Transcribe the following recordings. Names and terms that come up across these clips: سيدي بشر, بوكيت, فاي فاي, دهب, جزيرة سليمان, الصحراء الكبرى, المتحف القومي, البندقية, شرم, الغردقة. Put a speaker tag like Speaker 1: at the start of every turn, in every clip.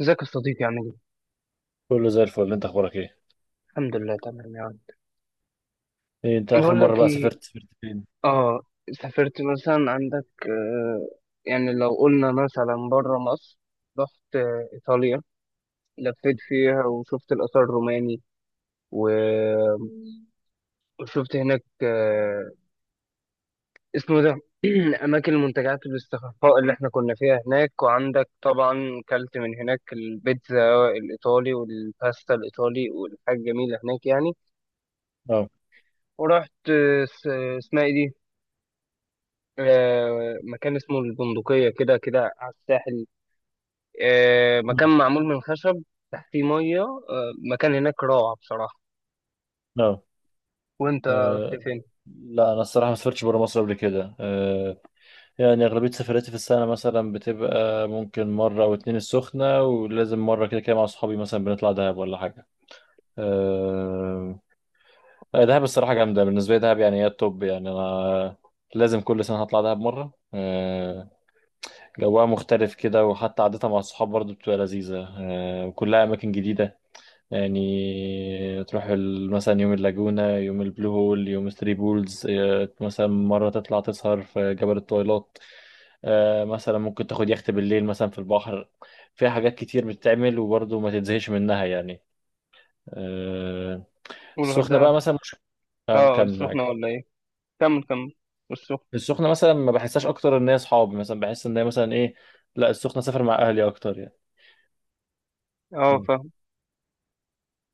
Speaker 1: ازيك يا صديقي، عامل ايه؟
Speaker 2: كله زي الفل. انت اخبارك ايه؟
Speaker 1: الحمد لله تمام يا عم.
Speaker 2: ايه انت اخر
Speaker 1: بقول
Speaker 2: مره
Speaker 1: لك
Speaker 2: بقى
Speaker 1: ايه.
Speaker 2: سافرت فين؟
Speaker 1: اه سافرت مثلا عندك. يعني لو قلنا مثلا بره مصر، رحت ايطاليا، لفيت فيها وشفت الاثار الروماني و- وشفت هناك. اسمه ده، اماكن المنتجعات والاستخفاء اللي احنا كنا فيها هناك، وعندك طبعا كلت من هناك البيتزا الايطالي والباستا الايطالي والحاجات جميله هناك يعني.
Speaker 2: اه.
Speaker 1: ورحت اسمها ايه دي؟ مكان اسمه البندقية، كده كده على الساحل.
Speaker 2: مم.
Speaker 1: مكان معمول من خشب، تحتيه مية. مكان هناك روعة بصراحة.
Speaker 2: اه.
Speaker 1: وانت رحت
Speaker 2: اه،
Speaker 1: فين؟
Speaker 2: لا انا الصراحه ما سافرتش بره مصر قبل كده. يعني اغلبيه سفراتي في السنه مثلا بتبقى ممكن مره او اتنين السخنه، ولازم مره كده كده مع اصحابي مثلا بنطلع دهب ولا حاجه. آه. اه، دهب الصراحه جامده، بالنسبه لي دهب يعني هي التوب، يعني انا لازم كل سنه هطلع دهب مره. جوها مختلف كده، وحتى عادتها مع الصحاب برضو بتبقى لذيذه، وكلها اماكن جديده. يعني تروح مثلا يوم اللاجونة، يوم البلو هول، يوم ثري بولز، آه، مثلا مرة تطلع تسهر في جبل الطويلات، آه، مثلا ممكن تاخد يخت بالليل مثلا في البحر. فيها حاجات كتير بتتعمل وبرضه ما تتزهقش منها يعني. آه، السخنة
Speaker 1: والغردقة.
Speaker 2: بقى مثلا مش، آه،
Speaker 1: اه،
Speaker 2: كمل
Speaker 1: السخنة
Speaker 2: معاك.
Speaker 1: ولا ايه؟ كمل كمل. والسخنة.
Speaker 2: السخنة مثلا ما بحسهاش، أكتر إن هي صحاب، مثلا بحس إن هي مثلا إيه، لا السخنة سافر مع أهلي أكتر يعني.
Speaker 1: اه،
Speaker 2: مم.
Speaker 1: فاهم.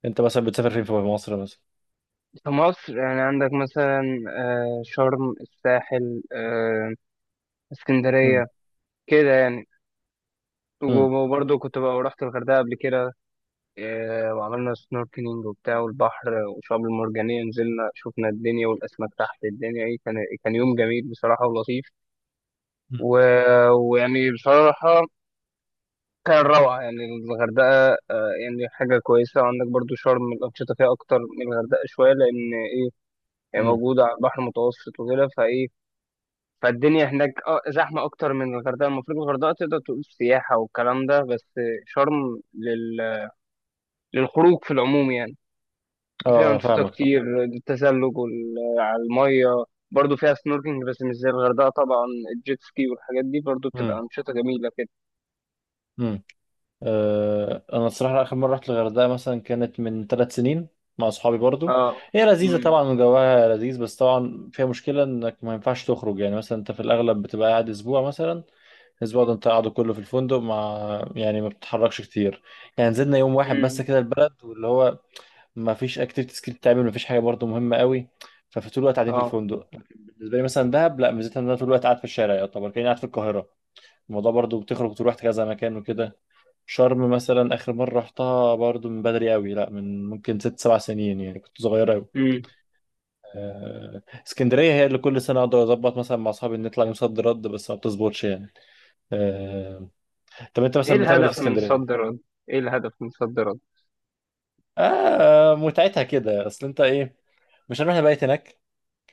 Speaker 2: أنت مثلا بتسافر فين في مصر مثلا؟
Speaker 1: في مصر يعني عندك مثلا شرم، الساحل،
Speaker 2: مم.
Speaker 1: اسكندرية، كده يعني.
Speaker 2: مم.
Speaker 1: وبرضه كنت بقى رحت الغردقة قبل كده. وعملنا سنوركلينج وبتاع، والبحر والشعاب المرجانية نزلنا شفنا الدنيا والأسماك تحت الدنيا. إيه كان، كان يوم جميل بصراحة ولطيف و... ويعني بصراحة كان روعة يعني الغردقة. يعني حاجة كويسة. عندك برضو شرم الأنشطة فيها أكتر من الغردقة شوية، لأن إيه، هي
Speaker 2: مم.
Speaker 1: موجودة على البحر المتوسط وكده، فإيه، فالدنيا هناك زحمة أكتر من الغردقة. المفروض الغردقة تقدر تقول سياحة والكلام ده بس، شرم للخروج في العموم يعني. فيها
Speaker 2: اه، آه،
Speaker 1: أنشطة
Speaker 2: فاهمك طبعا.
Speaker 1: كتير، التزلج على المية، برضه فيها سنوركينج بس مش زي الغردقة طبعا. الجيت سكي والحاجات دي برضه بتبقى
Speaker 2: مم.
Speaker 1: أنشطة جميلة كده.
Speaker 2: مم. آه، انا الصراحه اخر مره رحت الغردقه مثلا كانت من 3 سنين مع اصحابي برضو.
Speaker 1: اه.
Speaker 2: هي لذيذه
Speaker 1: امم.
Speaker 2: طبعا وجواها لذيذ، بس طبعا فيها مشكله انك ما ينفعش تخرج، يعني مثلا انت في الاغلب بتبقى قاعد اسبوع مثلا. الاسبوع ده انت قاعده كله في الفندق مع، يعني ما بتتحركش كتير. يعني نزلنا يوم واحد بس
Speaker 1: امم.
Speaker 2: كده البلد واللي هو، ما فيش اكتيفيتيز كتير بتتعمل، ما فيش حاجه برضو مهمه قوي. ففي طول الوقت قاعدين في
Speaker 1: اه.
Speaker 2: الفندق. لكن بالنسبه لي مثلا دهب لا، ميزتها ان انا طول الوقت قاعد في الشارع، يعتبر كاني قاعد في القاهره. الموضوع برضو بتخرج وتروح كذا مكان وكده. شرم مثلا آخر مرة رحتها برضو من بدري قوي، لا من ممكن 6 7 سنين، يعني كنت صغير قوي.
Speaker 1: امم.
Speaker 2: آه، اسكندرية هي اللي كل سنة أقدر أظبط مثلا مع أصحابي ان نطلع يوم صد رد، بس ما بتظبطش يعني. آه، طب أنت
Speaker 1: ايه
Speaker 2: مثلا بتعمل إيه في
Speaker 1: الهدف من صد
Speaker 2: اسكندرية؟
Speaker 1: رد؟ ايه الهدف من صد رد؟
Speaker 2: آه متعتها كده، أصل أنت إيه، مش هنروح نبيت هناك،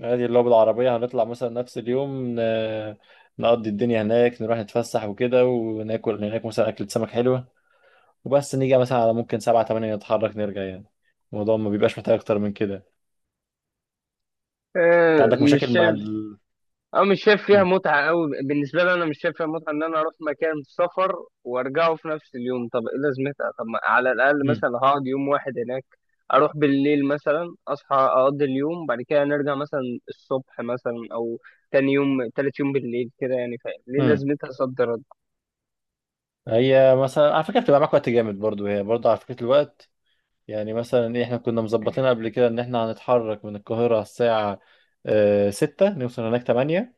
Speaker 2: عادي اللي هو بالعربية هنطلع مثلا نفس اليوم، نقضي الدنيا هناك، نروح نتفسح وكده، وناكل هناك مثلا أكلة سمك حلوة. وبس نيجي مثلا على ممكن سبعة تمانية نتحرك نرجع يعني. الموضوع ما بيبقاش محتاج أكتر من كده. انت
Speaker 1: آه
Speaker 2: عندك
Speaker 1: مش
Speaker 2: مشاكل مع
Speaker 1: شايف،
Speaker 2: ال.
Speaker 1: أو مش شايف فيها
Speaker 2: مم.
Speaker 1: متعة أوي. بالنسبة لي أنا مش شايف فيها متعة إن أنا أروح مكان سفر وأرجعه في نفس اليوم. طب إيه لازمتها؟ طب ما على الأقل
Speaker 2: مم.
Speaker 1: مثلا هقعد يوم واحد هناك، أروح بالليل مثلا أصحى أقضي اليوم بعد كده نرجع مثلا الصبح مثلا، أو تاني يوم تالت يوم بالليل كده. يعني فاهم ليه
Speaker 2: مم.
Speaker 1: لازمتها صد رد.
Speaker 2: هي مثلا على فكره بتبقى معاك وقت جامد برضو، هي برضو على فكره الوقت، يعني مثلا ايه احنا كنا مظبطين قبل كده ان احنا هنتحرك من القاهره على الساعه آه، ستة، نوصل هناك تمانية.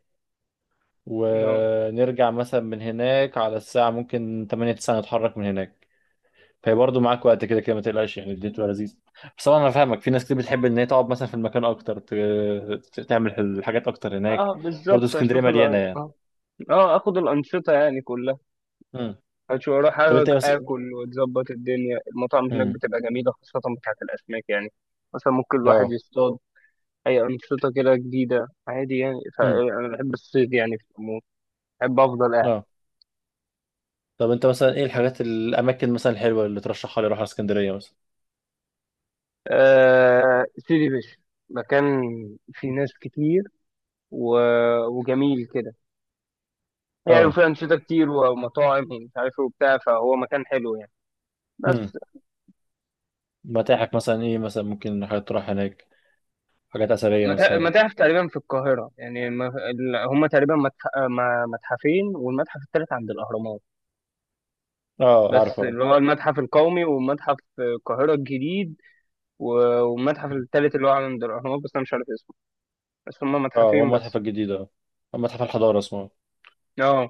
Speaker 1: اه،
Speaker 2: ونرجع مثلا من هناك على الساعه ممكن تمانية تسعة نتحرك من هناك. فهي برضو معاك وقت كده كده، ما تقلقش، يعني الدنيا تبقى لذيذه. بس طبعا انا فاهمك، في ناس كتير بتحب ان هي تقعد مثلا في المكان اكتر، تعمل الحاجات اكتر هناك.
Speaker 1: اه
Speaker 2: برضو
Speaker 1: بالظبط.
Speaker 2: اسكندريه
Speaker 1: أشوف
Speaker 2: مليانه يعني.
Speaker 1: اه. اخد الانشطه يعني كلها،
Speaker 2: مم.
Speaker 1: اشوف اروح
Speaker 2: طب انت ايه بس.
Speaker 1: اكل واتظبط الدنيا. المطاعم هناك بتبقى جميله، خاصه بتاعت الاسماك يعني. مثلا ممكن الواحد
Speaker 2: اه.
Speaker 1: يصطاد أي أنشطة كده جديدة عادي يعني.
Speaker 2: امم.
Speaker 1: فأنا بحب الصيد يعني في العموم، بحب أفضل قاعد.
Speaker 2: اه. طب انت مثلا ايه الحاجات، الاماكن مثلا الحلوه اللي ترشحها لي اروح على اسكندريه مثلا؟
Speaker 1: أه، سيدي بشر، مكان فيه ناس كتير و... وجميل كده يعني،
Speaker 2: اه.
Speaker 1: وفيه أنشطة كتير ومطاعم ومش عارف إيه وبتاع، فهو مكان حلو يعني.
Speaker 2: امم.
Speaker 1: بس
Speaker 2: متاحف مثلا ايه، مثلا ممكن حاجات تروح هناك، حاجات اثريه مثلا.
Speaker 1: متاحف تقريبا في القاهرة يعني، هما تقريبا متح... ما- متحفين، والمتحف التالت عند الأهرامات.
Speaker 2: اه
Speaker 1: بس
Speaker 2: عارفه اه.
Speaker 1: اللي هو المتحف القومي ومتحف القاهرة الجديد والمتحف
Speaker 2: مم.
Speaker 1: التالت اللي هو عند الأهرامات، بس أنا مش عارف اسمه. بس هما
Speaker 2: اه هو
Speaker 1: متحفين
Speaker 2: المتحف
Speaker 1: بس.
Speaker 2: الجديد اه، متحف الحضاره اسمه.
Speaker 1: اه،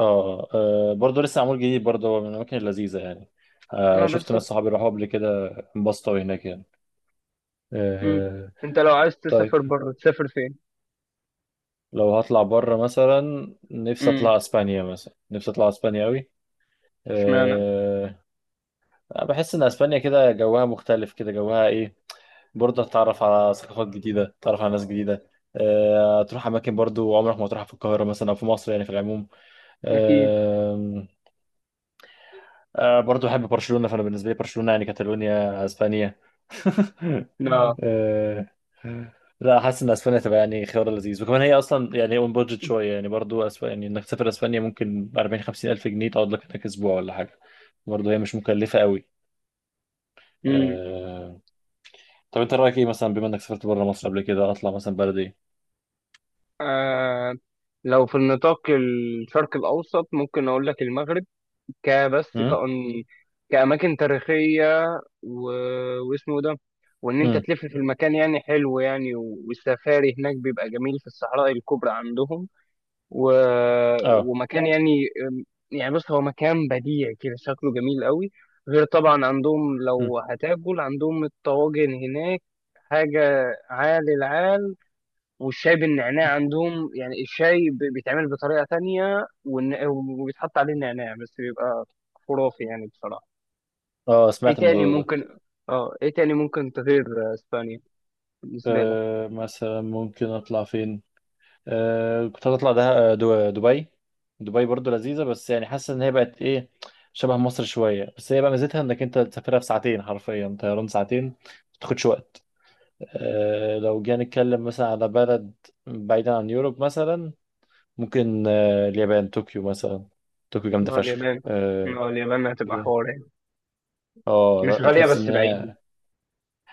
Speaker 2: اه، آه، آه، برضه لسه معمول جديد، برضه هو من الاماكن اللذيذه يعني. آه،
Speaker 1: اه
Speaker 2: شفت
Speaker 1: بس.
Speaker 2: ناس صحابي راحوا قبل كده، انبسطوا هناك يعني.
Speaker 1: امم.
Speaker 2: آه.
Speaker 1: انت لو عايز
Speaker 2: طيب
Speaker 1: تسافر بره تسافر فين؟
Speaker 2: لو هطلع بره مثلا، نفسي
Speaker 1: امم.
Speaker 2: اطلع اسبانيا، مثلا نفسي اطلع اسبانيا قوي.
Speaker 1: اشمعنى؟
Speaker 2: بحس ان اسبانيا كده جوها مختلف، كده جوها ايه، برضه هتتعرف على ثقافات جديده، تتعرف على ناس جديده. أه تروح اماكن برضه عمرك ما تروحها في القاهره مثلا او في مصر، يعني في العموم.
Speaker 1: اكيد.
Speaker 2: أه. أه برضه بحب برشلونه، فانا بالنسبه لي برشلونه يعني كاتالونيا اسبانيا.
Speaker 1: لا.
Speaker 2: أه. لا حاسس ان اسبانيا تبقى يعني خيار لذيذ، وكمان هي اصلا يعني اون بادجت شويه، يعني برضه يعني انك تسافر اسبانيا ممكن 40 50 الف جنيه تقعد لك هناك اسبوع ولا حاجه. برضه هي مش مكلفه قوي.
Speaker 1: امم.
Speaker 2: طب انت رايك ايه، مثلا بما انك سافرت بره مصر قبل كده، اطلع مثلا بلد ايه؟
Speaker 1: آه لو في النطاق الشرق الاوسط ممكن اقول لك المغرب، كبس
Speaker 2: امم.
Speaker 1: كأن كأماكن تاريخية و... واسمه ده، وان انت
Speaker 2: امم.
Speaker 1: تلف في المكان يعني حلو يعني، والسفاري هناك بيبقى جميل في الصحراء الكبرى عندهم و...
Speaker 2: اه.
Speaker 1: ومكان يعني، يعني بص هو مكان بديع كده، شكله جميل قوي. غير طبعا عندهم
Speaker 2: امم.
Speaker 1: لو هتاكل عندهم الطواجن هناك حاجة عال العال. والشاي بالنعناع عندهم، يعني الشاي بيتعمل بطريقة تانية وبيتحط عليه النعناع بس بيبقى خرافي يعني بصراحة.
Speaker 2: اه
Speaker 1: ايه
Speaker 2: سمعت
Speaker 1: تاني
Speaker 2: الموضوع ده.
Speaker 1: ممكن، اه ايه تاني ممكن تغير اسبانيا بالنسبة لك؟
Speaker 2: آه مثلا ممكن اطلع فين، آه كنت هطلع ده آه، دبي. دبي برضو لذيذه، بس يعني حاسس ان هي بقت ايه، شبه مصر شويه، بس هي بقى ميزتها انك انت تسافرها في ساعتين، حرفيا طيران ساعتين ما تاخدش وقت. آه لو جينا نتكلم مثلا على بلد بعيدا عن يوروب مثلا، ممكن آه اليابان، طوكيو مثلا. طوكيو
Speaker 1: ما
Speaker 2: جامده
Speaker 1: هو
Speaker 2: فشخ
Speaker 1: اليابان
Speaker 2: آه.
Speaker 1: ما هو اليابان هتبقى حوار يعني،
Speaker 2: اه
Speaker 1: مش
Speaker 2: لا
Speaker 1: غالية
Speaker 2: تحس ان
Speaker 1: بس بعيد.
Speaker 2: هي،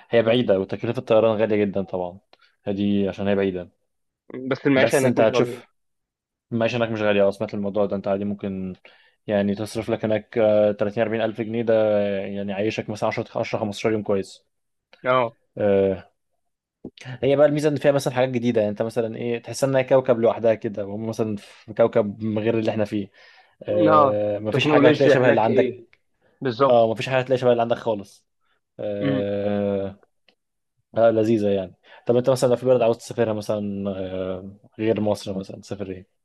Speaker 2: هي بعيده وتكلفه الطيران غاليه جدا طبعا، دي عشان هي بعيده.
Speaker 1: بس المعيشة
Speaker 2: بس
Speaker 1: هناك
Speaker 2: انت
Speaker 1: مش
Speaker 2: هتشوف
Speaker 1: غالية.
Speaker 2: المعيشه هناك مش غاليه. اه سمعت الموضوع ده، انت عادي ممكن يعني تصرف لك هناك آه، 30 40 الف جنيه ده آه، يعني عايشك مثلا 10 10 15 يوم كويس.
Speaker 1: اه.
Speaker 2: آه، هي بقى الميزه ان فيها مثلا حاجات جديده، يعني انت مثلا ايه تحس انها كوكب لوحدها كده، وهم مثلا في كوكب غير اللي احنا فيه.
Speaker 1: اه،
Speaker 2: آه، مفيش حاجه هتلاقي
Speaker 1: تكنولوجيا
Speaker 2: شبه اللي
Speaker 1: هناك،
Speaker 2: عندك.
Speaker 1: ايه بالظبط.
Speaker 2: اه مفيش حاجه هتلاقي شبه اللي عندك خالص.
Speaker 1: مم.
Speaker 2: آه، آه لذيذة يعني. طب انت مثلا لو في بلد عاوز تسافرها مثلا آه، غير مصر مثلا تسافر ايه؟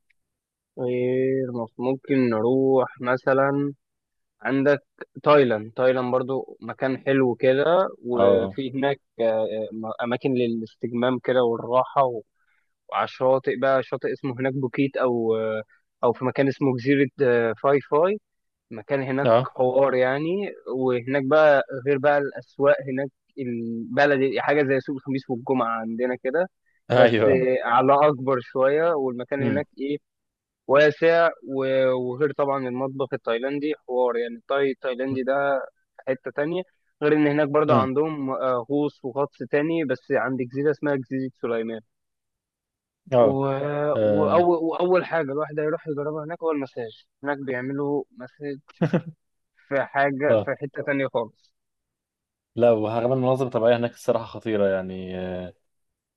Speaker 1: غير ممكن نروح مثلا عندك تايلاند. تايلاند برضو مكان حلو كده،
Speaker 2: اه.
Speaker 1: وفي هناك اماكن للاستجمام كده والراحه، وعلى الشاطئ بقى، شاطئ اسمه هناك بوكيت، او في مكان اسمه جزيره فاي فاي، مكان هناك
Speaker 2: اه.
Speaker 1: حوار يعني. وهناك بقى غير بقى الأسواق هناك، البلد حاجة زي سوق الخميس والجمعة عندنا كده، بس
Speaker 2: ايوه.
Speaker 1: على أكبر شوية. والمكان
Speaker 2: امم.
Speaker 1: هناك إيه، واسع وغير طبعا المطبخ التايلاندي حوار يعني. التايلاندي ده في حتة تانية. غير إن هناك برضه
Speaker 2: امم.
Speaker 1: عندهم غوص وغطس تاني، بس عند جزيرة اسمها جزيرة سليمان و...
Speaker 2: اه. اه.
Speaker 1: وأول حاجة الواحد هيروح يجربها هناك هو المساج. هناك بيعملوا مساج في حاجة
Speaker 2: آه.
Speaker 1: في حتة تانية خالص.
Speaker 2: لا وكمان المناظر الطبيعية هناك الصراحة خطيرة يعني آه.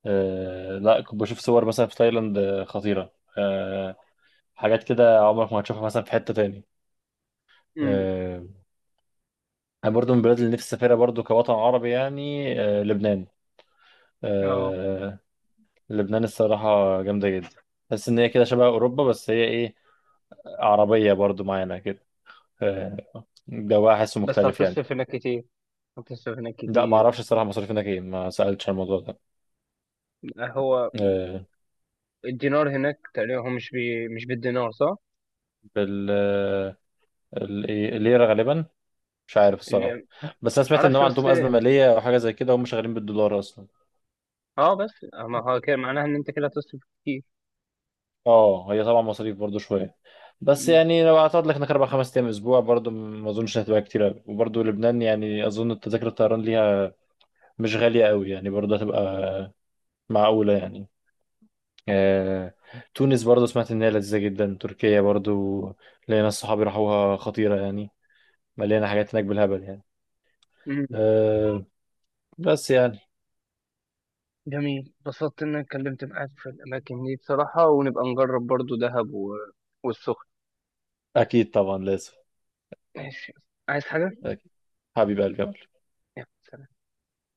Speaker 2: آه، لا كنت بشوف صور مثلا في تايلاند آه، خطيرة آه. حاجات كده عمرك ما هتشوفها مثلا في حتة تاني
Speaker 1: امم.
Speaker 2: آه. انا برضو من البلاد اللي نفسي اسافرها برضو كوطن عربي يعني آه، لبنان.
Speaker 1: اه،
Speaker 2: آه. لبنان الصراحة جامدة جدا، بس إن هي كده شبه أوروبا، بس هي إيه عربية برضو معانا كده، آه، جواها حاسه
Speaker 1: بس
Speaker 2: مختلف يعني.
Speaker 1: هتصرف هناك كتير، هتصرف هناك
Speaker 2: لا ما
Speaker 1: كتير.
Speaker 2: اعرفش الصراحة مصاريف هناك ايه، ما سألتش عن الموضوع ده.
Speaker 1: هو
Speaker 2: آه،
Speaker 1: الدينار هناك تقريبا هو مش بالدينار صح؟
Speaker 2: بال آه، إيه، الليرة غالبا، مش عارف الصراحة.
Speaker 1: اللي
Speaker 2: بس انا سمعت ان
Speaker 1: معرفش
Speaker 2: هم عندهم
Speaker 1: بس.
Speaker 2: أزمة مالية او حاجة زي كده، هم شغالين بالدولار اصلا.
Speaker 1: اه بس ما هو كده معناها ان انت كده هتصرف كتير.
Speaker 2: اه هي طبعا مصاريف برضو شوية، بس
Speaker 1: امم.
Speaker 2: يعني لو اعتقد لك هناك 4 5 ايام اسبوع برضو ما اظنش هتبقى كتير أوي. وبرضو لبنان يعني اظن تذاكر الطيران ليها مش غالية قوي، يعني برضو هتبقى معقولة يعني. آه، تونس برضو سمعت إن هي لذيذة جدا، تركيا برضو ليا ناس صحابي راحوها خطيرة يعني، مليانة حاجات هناك بالهبل يعني.
Speaker 1: امم.
Speaker 2: آه، بس يعني.
Speaker 1: جميل، اتبسطت ان انا اتكلمت معاك في الاماكن دي بصراحة. ونبقى نجرب برضو دهب والسخن.
Speaker 2: أكيد طبعا لازم.
Speaker 1: ماشي. عايز حاجة؟
Speaker 2: أكيد. حبيب قلبي.
Speaker 1: يلا، سلام.